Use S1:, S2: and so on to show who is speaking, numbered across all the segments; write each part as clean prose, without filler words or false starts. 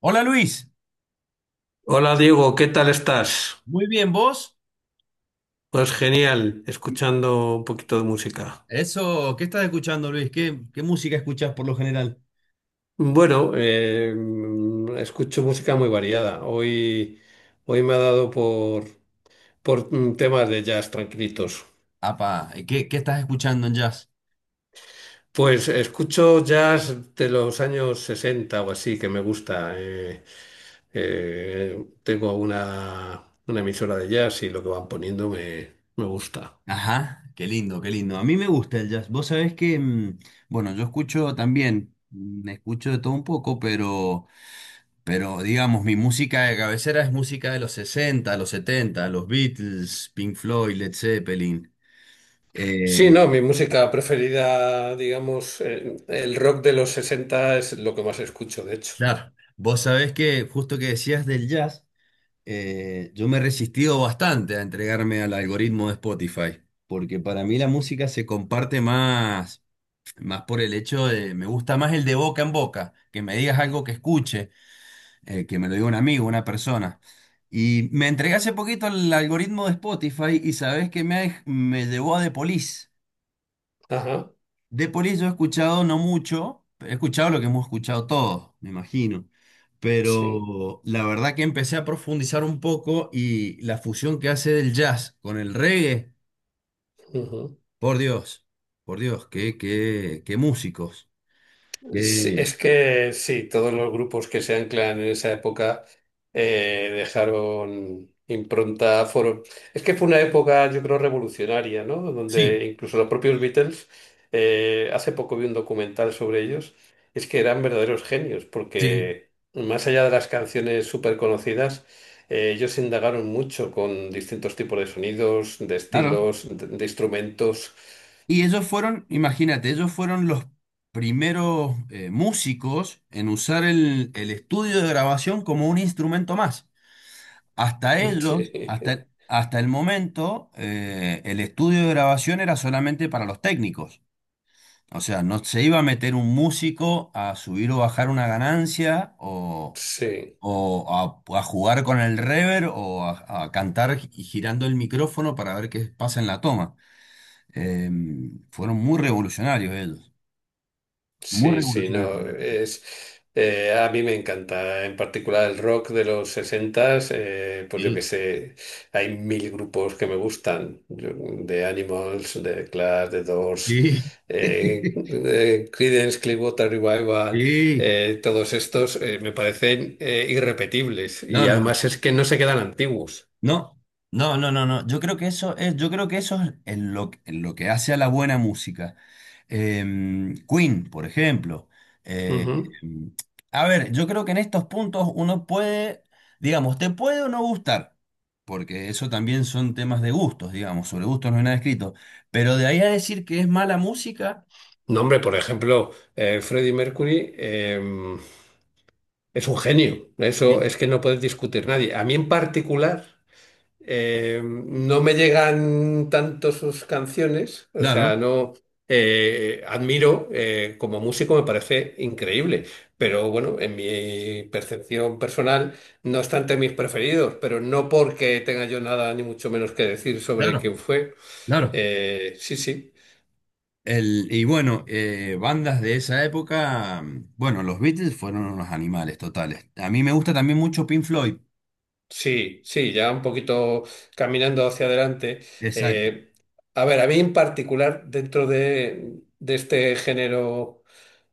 S1: Hola Luis,
S2: Hola Diego, ¿qué tal estás?
S1: muy bien, ¿vos?
S2: Pues genial,
S1: Mm.
S2: escuchando un poquito de música.
S1: Eso, ¿qué estás escuchando, Luis? ¿Qué música escuchás por lo general?
S2: Bueno, eh, Escucho música muy variada. Hoy me ha dado por temas de jazz tranquilitos.
S1: Apa, ¿qué estás escuchando en jazz?
S2: Pues escucho jazz de los años 60 o así, que me gusta. Eh, tengo una, una emisora de jazz y lo que van poniendo me gusta.
S1: Ajá, qué lindo, qué lindo. A mí me gusta el jazz. Vos sabés que, bueno, yo escucho también, escucho de todo un poco, pero digamos, mi música de cabecera es música de los 60, los 70, los Beatles, Pink Floyd, Led Zeppelin.
S2: Sí,
S1: Eh,
S2: no, mi música preferida, digamos, el rock de los 60 es lo que más escucho, de hecho.
S1: claro, vos sabés que justo que decías del jazz. Yo me he resistido bastante a entregarme al algoritmo de Spotify, porque para mí la música se comparte más, más por el hecho de, me gusta más el de boca en boca, que me digas algo que escuche, que me lo diga un amigo, una persona. Y me entregué hace poquito al algoritmo de Spotify y sabes que me, me llevó a The Police.
S2: Ajá,
S1: De Police yo he escuchado no mucho, he escuchado lo que hemos escuchado todos, me imagino.
S2: sí.
S1: Pero la verdad que empecé a profundizar un poco y la fusión que hace del jazz con el reggae, por Dios, por Dios, qué músicos.
S2: Sí,
S1: Qué-
S2: es que sí, todos los grupos que se anclan en esa época dejaron impronta, fueron... Es que fue una época, yo creo, revolucionaria, ¿no? Donde
S1: Sí,
S2: incluso los propios Beatles, hace poco vi un documental sobre ellos, es que eran verdaderos genios,
S1: sí,
S2: porque más allá de las canciones súper conocidas, ellos indagaron mucho con distintos tipos de sonidos, de
S1: claro.
S2: estilos, de instrumentos.
S1: Y ellos fueron, imagínate, ellos fueron los primeros músicos en usar el estudio de grabación como un instrumento más. Hasta ellos, hasta el momento, el estudio de grabación era solamente para los técnicos. O sea, no se iba a meter un músico a subir o bajar una ganancia o,
S2: Sí, sí.
S1: o a jugar con el reverb o a cantar girando el micrófono para ver qué pasa en la toma. Eh, Fueron muy revolucionarios ellos. Muy
S2: Sí, sí,
S1: revolucionarios.
S2: no, es, a mí me encanta, en particular el rock de los 60, pues yo que
S1: Sí,
S2: sé, hay mil grupos que me gustan, yo- de Animals, de Clash, de Doors,
S1: sí.
S2: eh, Creedence Clearwater Revival,
S1: Sí.
S2: todos estos me parecen irrepetibles
S1: No,
S2: y
S1: no.
S2: además es que no se quedan antiguos.
S1: No, no, no, no, no. Yo creo que eso es en lo que hace a la buena música. Queen, por ejemplo. Eh,
S2: Ujú.
S1: em, a ver, yo creo que en estos puntos uno puede, digamos, te puede o no gustar, porque eso también son temas de gustos, digamos, sobre gustos no hay nada escrito. Pero de ahí a decir que es mala música,
S2: No, hombre, por ejemplo, Freddie Mercury. Es un genio,
S1: eh,
S2: eso es que no puedes discutir nadie. A mí en particular no me llegan tanto sus canciones, o sea,
S1: claro,
S2: no admiro, como músico me parece increíble, pero bueno, en mi percepción personal, no es obstante mis preferidos, pero no porque tenga yo nada ni mucho menos que decir sobre
S1: claro,
S2: quién fue.
S1: claro.
S2: Sí, sí.
S1: Y bueno, bandas de esa época, mm, bueno, los Beatles fueron unos animales totales. A mí me gusta también mucho Pink Floyd.
S2: Sí, sí, ya un poquito caminando hacia adelante.
S1: Exacto,
S2: Eh, a ver, a mí en particular, de este género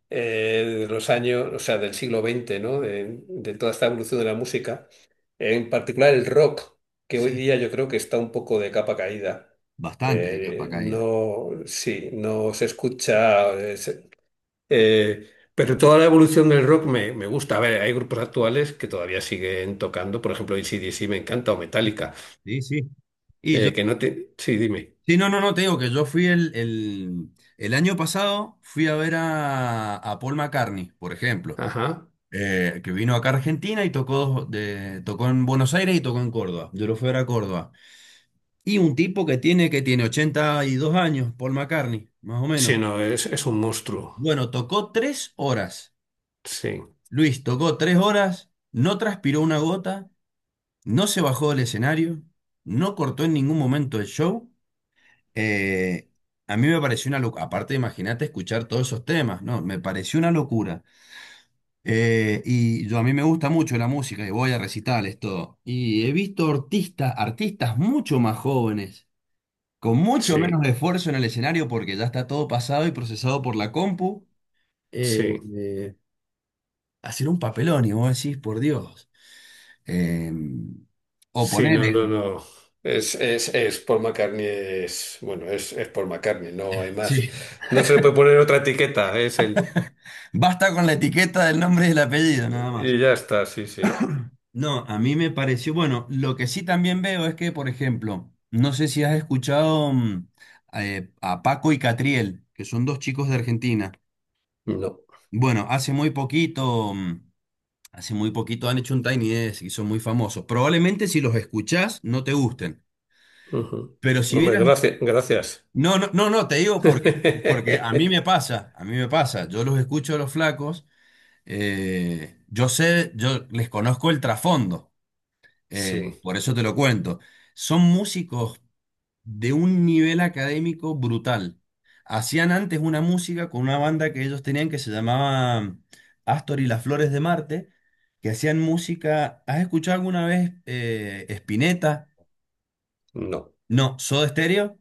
S2: eh, de los años, o sea, del siglo XX, ¿no? De toda esta evolución de la música, en particular el rock, que hoy
S1: sí,
S2: día yo creo que está un poco de capa caída.
S1: bastante de capa caída.
S2: No, sí, no se escucha. Pero toda la evolución del me gusta. A ver, hay grupos actuales que todavía siguen tocando, por ejemplo, AC/DC me encanta, o
S1: Sí,
S2: Metallica,
S1: sí. Sí. Y yo,
S2: que no te... Sí, dime.
S1: sí, no, no, no, te digo que yo fui el, el año pasado, fui a ver a, Paul McCartney, por ejemplo,
S2: Ajá.
S1: que vino acá a Argentina y tocó en Buenos Aires y tocó en Córdoba. Yo lo fui a ver a Córdoba. Y un tipo que tiene 82 años, Paul McCartney, más o menos.
S2: Sí, no, es un monstruo.
S1: Bueno, tocó 3 horas.
S2: Sí,
S1: Luis tocó 3 horas, no transpiró una gota, no se bajó del escenario, no cortó en ningún momento el show. Eh, a mí me pareció una locura. Aparte, imagínate escuchar todos esos temas, ¿no? Me pareció una locura. Y yo a mí me gusta mucho la música y voy a recitales, todo. Y he visto artistas, artistas mucho más jóvenes, con mucho
S2: sí,
S1: menos esfuerzo en el escenario porque ya está todo pasado y procesado por la compu. Eh,
S2: sí.
S1: eh, Hacer un papelón y vos decís, por Dios. eh, o
S2: Sí, no, no,
S1: ponerle,
S2: no. Es Paul McCartney, es Paul McCartney, no hay más.
S1: sí,
S2: No se le puede poner otra etiqueta, es el...
S1: basta con la etiqueta del nombre y el apellido, nada más.
S2: Y ya está, sí, sí.
S1: No, a mí me pareció, bueno, lo que sí también veo es que, por ejemplo, no sé si has escuchado a Paco y Catriel, que son dos chicos de Argentina.
S2: No.
S1: Bueno, hace muy poquito han hecho un Tiny Desk y son muy famosos. Probablemente si los escuchás no te gusten,
S2: Ujú.
S1: pero si
S2: Hombre,
S1: vieras...
S2: gracias, gracias.
S1: No, no, no, no, te digo porque, a mí me pasa, yo los escucho a los flacos, yo sé, yo les conozco el trasfondo,
S2: Sí.
S1: por eso te lo cuento. Son músicos de un nivel académico brutal. Hacían antes una música con una banda que ellos tenían que se llamaba Astor y las Flores de Marte, que hacían música, ¿has escuchado alguna vez Spinetta?
S2: No,
S1: No, ¿Soda Stereo?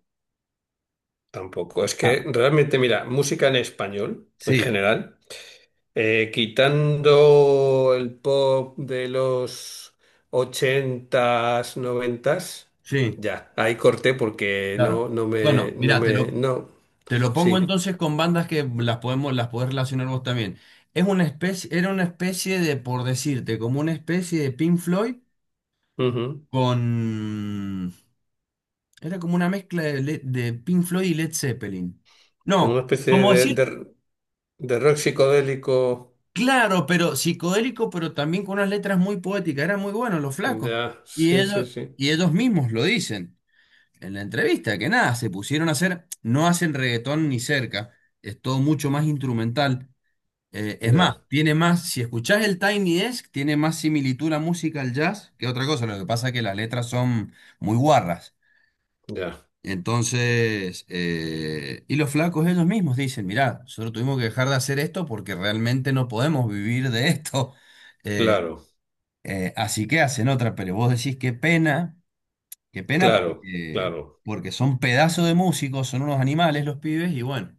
S2: tampoco. Es
S1: Ah,
S2: que realmente, mira, música en español, en
S1: sí,
S2: general, quitando el pop de los 80 90,
S1: sí.
S2: ya, ahí corté porque
S1: Claro. Bueno, mira,
S2: no,
S1: te lo pongo
S2: sí,
S1: entonces con bandas que las podemos, las podés relacionar vos también. Era una especie de, por decirte, como una especie de Pink Floyd
S2: ujú.
S1: con... Era como una mezcla de Pink Floyd y Led Zeppelin.
S2: Como una
S1: No,
S2: especie
S1: como
S2: de,
S1: decir,
S2: de, de rock psicodélico,
S1: claro, pero psicodélico, pero también con unas letras muy poéticas. Eran muy buenos los flacos.
S2: ya,
S1: Y
S2: sí, sí,
S1: ellos,
S2: sí,
S1: y ellos mismos lo dicen. En la entrevista, que nada, se pusieron a hacer, no hacen reggaetón ni cerca, es todo mucho más instrumental. Es más,
S2: ya,
S1: tiene más, si escuchás el Tiny Desk, tiene más similitud la música al jazz que otra cosa, lo que pasa es que las letras son muy guarras.
S2: ya,
S1: Entonces, y los flacos ellos mismos dicen, mirá, nosotros tuvimos que dejar de hacer esto porque realmente no podemos vivir de esto. Eh,
S2: claro,
S1: Así que hacen otra, pero vos decís qué pena. Qué pena
S2: claro,
S1: porque,
S2: claro.
S1: son pedazos de músicos, son unos animales los pibes y bueno,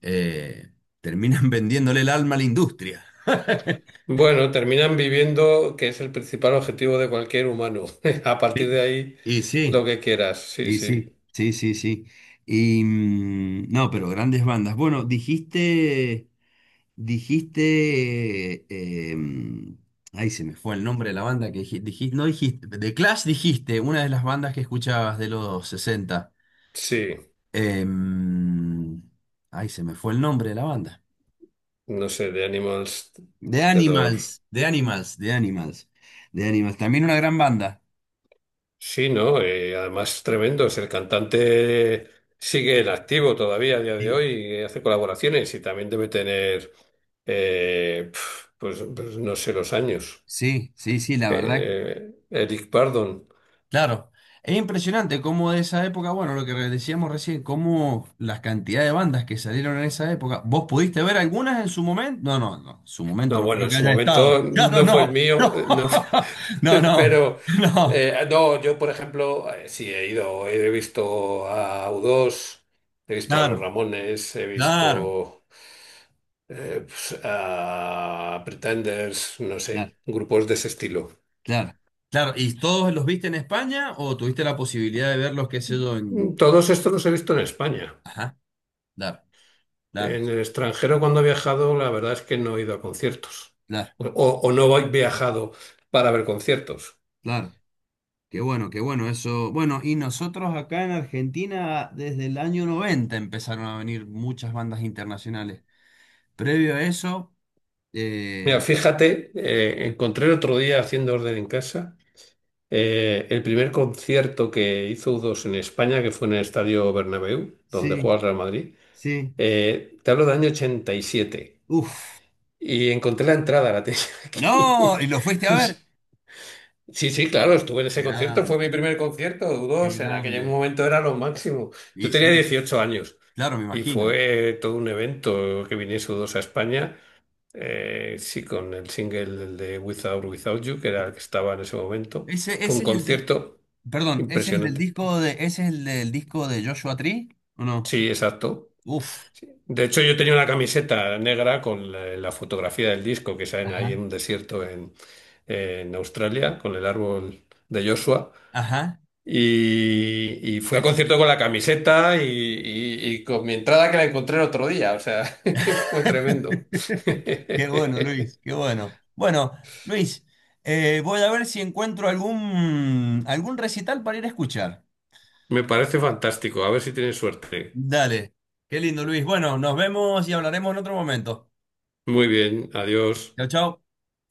S1: eh, terminan vendiéndole el alma a la industria.
S2: Bueno, terminan viviendo, que es el principal objetivo de cualquier humano. A partir
S1: Sí.
S2: de ahí,
S1: Y sí,
S2: lo que quieras. Sí,
S1: y
S2: sí,
S1: sí, sí, sí, sí. Y no, pero grandes bandas. Bueno, dijiste, eh, mm, ay, se me fue el nombre de la banda que dijiste, no dijiste, de Clash dijiste, una de las bandas que escuchabas de los 60.
S2: sí.
S1: Eh, mm, Ay, se me fue el nombre de la banda.
S2: No sé, de Animals,
S1: The
S2: The Door.
S1: Animals, The Animals, The Animals, The Animals. También una gran banda.
S2: Sí, ¿no? Además, es tremendo. Es el cantante sigue en activo todavía a día de
S1: Sí,
S2: hoy y hace colaboraciones y también debe tener, pues no sé, los años.
S1: sí, sí, sí, la verdad.
S2: Eric Burdon.
S1: Claro. Es impresionante cómo de esa época, bueno, lo que decíamos recién, cómo las cantidades de bandas que salieron en esa época. ¿Vos pudiste ver algunas en su momento? No, no, no. En su momento
S2: No,
S1: no
S2: bueno,
S1: creo
S2: en
S1: que
S2: su
S1: haya estado.
S2: momento
S1: Claro,
S2: no fue
S1: no.
S2: el mío,
S1: No,
S2: no
S1: no, no.
S2: pero
S1: No.
S2: no, yo por ejemplo, sí he ido, he visto a U2, he visto a Los
S1: Claro,
S2: Ramones, he
S1: claro,
S2: visto pues, a Pretenders, no
S1: claro,
S2: sé, grupos de ese estilo.
S1: claro. Claro. ¿Y todos los viste en España o tuviste la posibilidad de verlos, qué sé yo, en...
S2: Todos estos los he visto en España.
S1: Ajá, claro. Claro,
S2: En el extranjero cuando he viajado, la verdad es que no he ido a conciertos
S1: claro,
S2: o, o no he viajado para ver conciertos.
S1: claro. Qué bueno eso. Bueno, y nosotros acá en Argentina desde el año 90 empezaron a venir muchas bandas internacionales. Previo a eso,
S2: Mira,
S1: eh,
S2: fíjate, encontré el otro día haciendo orden en casa el primer concierto que hizo U2 en España, que fue en el Estadio Bernabéu, donde
S1: sí,
S2: juega el Real Madrid.
S1: sí.
S2: Te hablo del año 87
S1: Uf.
S2: y encontré la entrada, la tenía
S1: No,
S2: aquí.
S1: y lo fuiste a ver.
S2: Sí, sí, claro, estuve en
S1: Qué
S2: ese concierto,
S1: grande,
S2: fue mi primer concierto
S1: qué
S2: U2, en aquel
S1: grande.
S2: momento era lo máximo. Yo
S1: Y
S2: tenía
S1: sí,
S2: 18 años.
S1: claro, me
S2: Y
S1: imagino.
S2: fue todo un evento que viniese U2 a España. Sí, con el single el de Without Without You, que
S1: Uh,
S2: era el que estaba en ese momento.
S1: Ese,
S2: Fue un
S1: ese es el del,
S2: concierto
S1: perdón,
S2: impresionante.
S1: ese es el del disco de Joshua Tree, ¿o no?
S2: Sí, exacto.
S1: Uf.
S2: Sí. De hecho, yo tenía una camiseta negra con la fotografía del disco que salen ahí
S1: Ajá,
S2: en un en Australia, con el árbol de Joshua.
S1: ajá.
S2: Y fui al concierto con la camiseta y con mi entrada que la encontré el otro día. O sea, fue tremendo.
S1: Qué bueno, Luis, qué bueno. Bueno, Luis, voy a ver si encuentro algún recital para ir a escuchar.
S2: Me parece fantástico. A ver si tienes suerte.
S1: Dale, qué lindo, Luis. Bueno, nos vemos y hablaremos en otro momento.
S2: Muy bien, adiós.
S1: Chao, chao.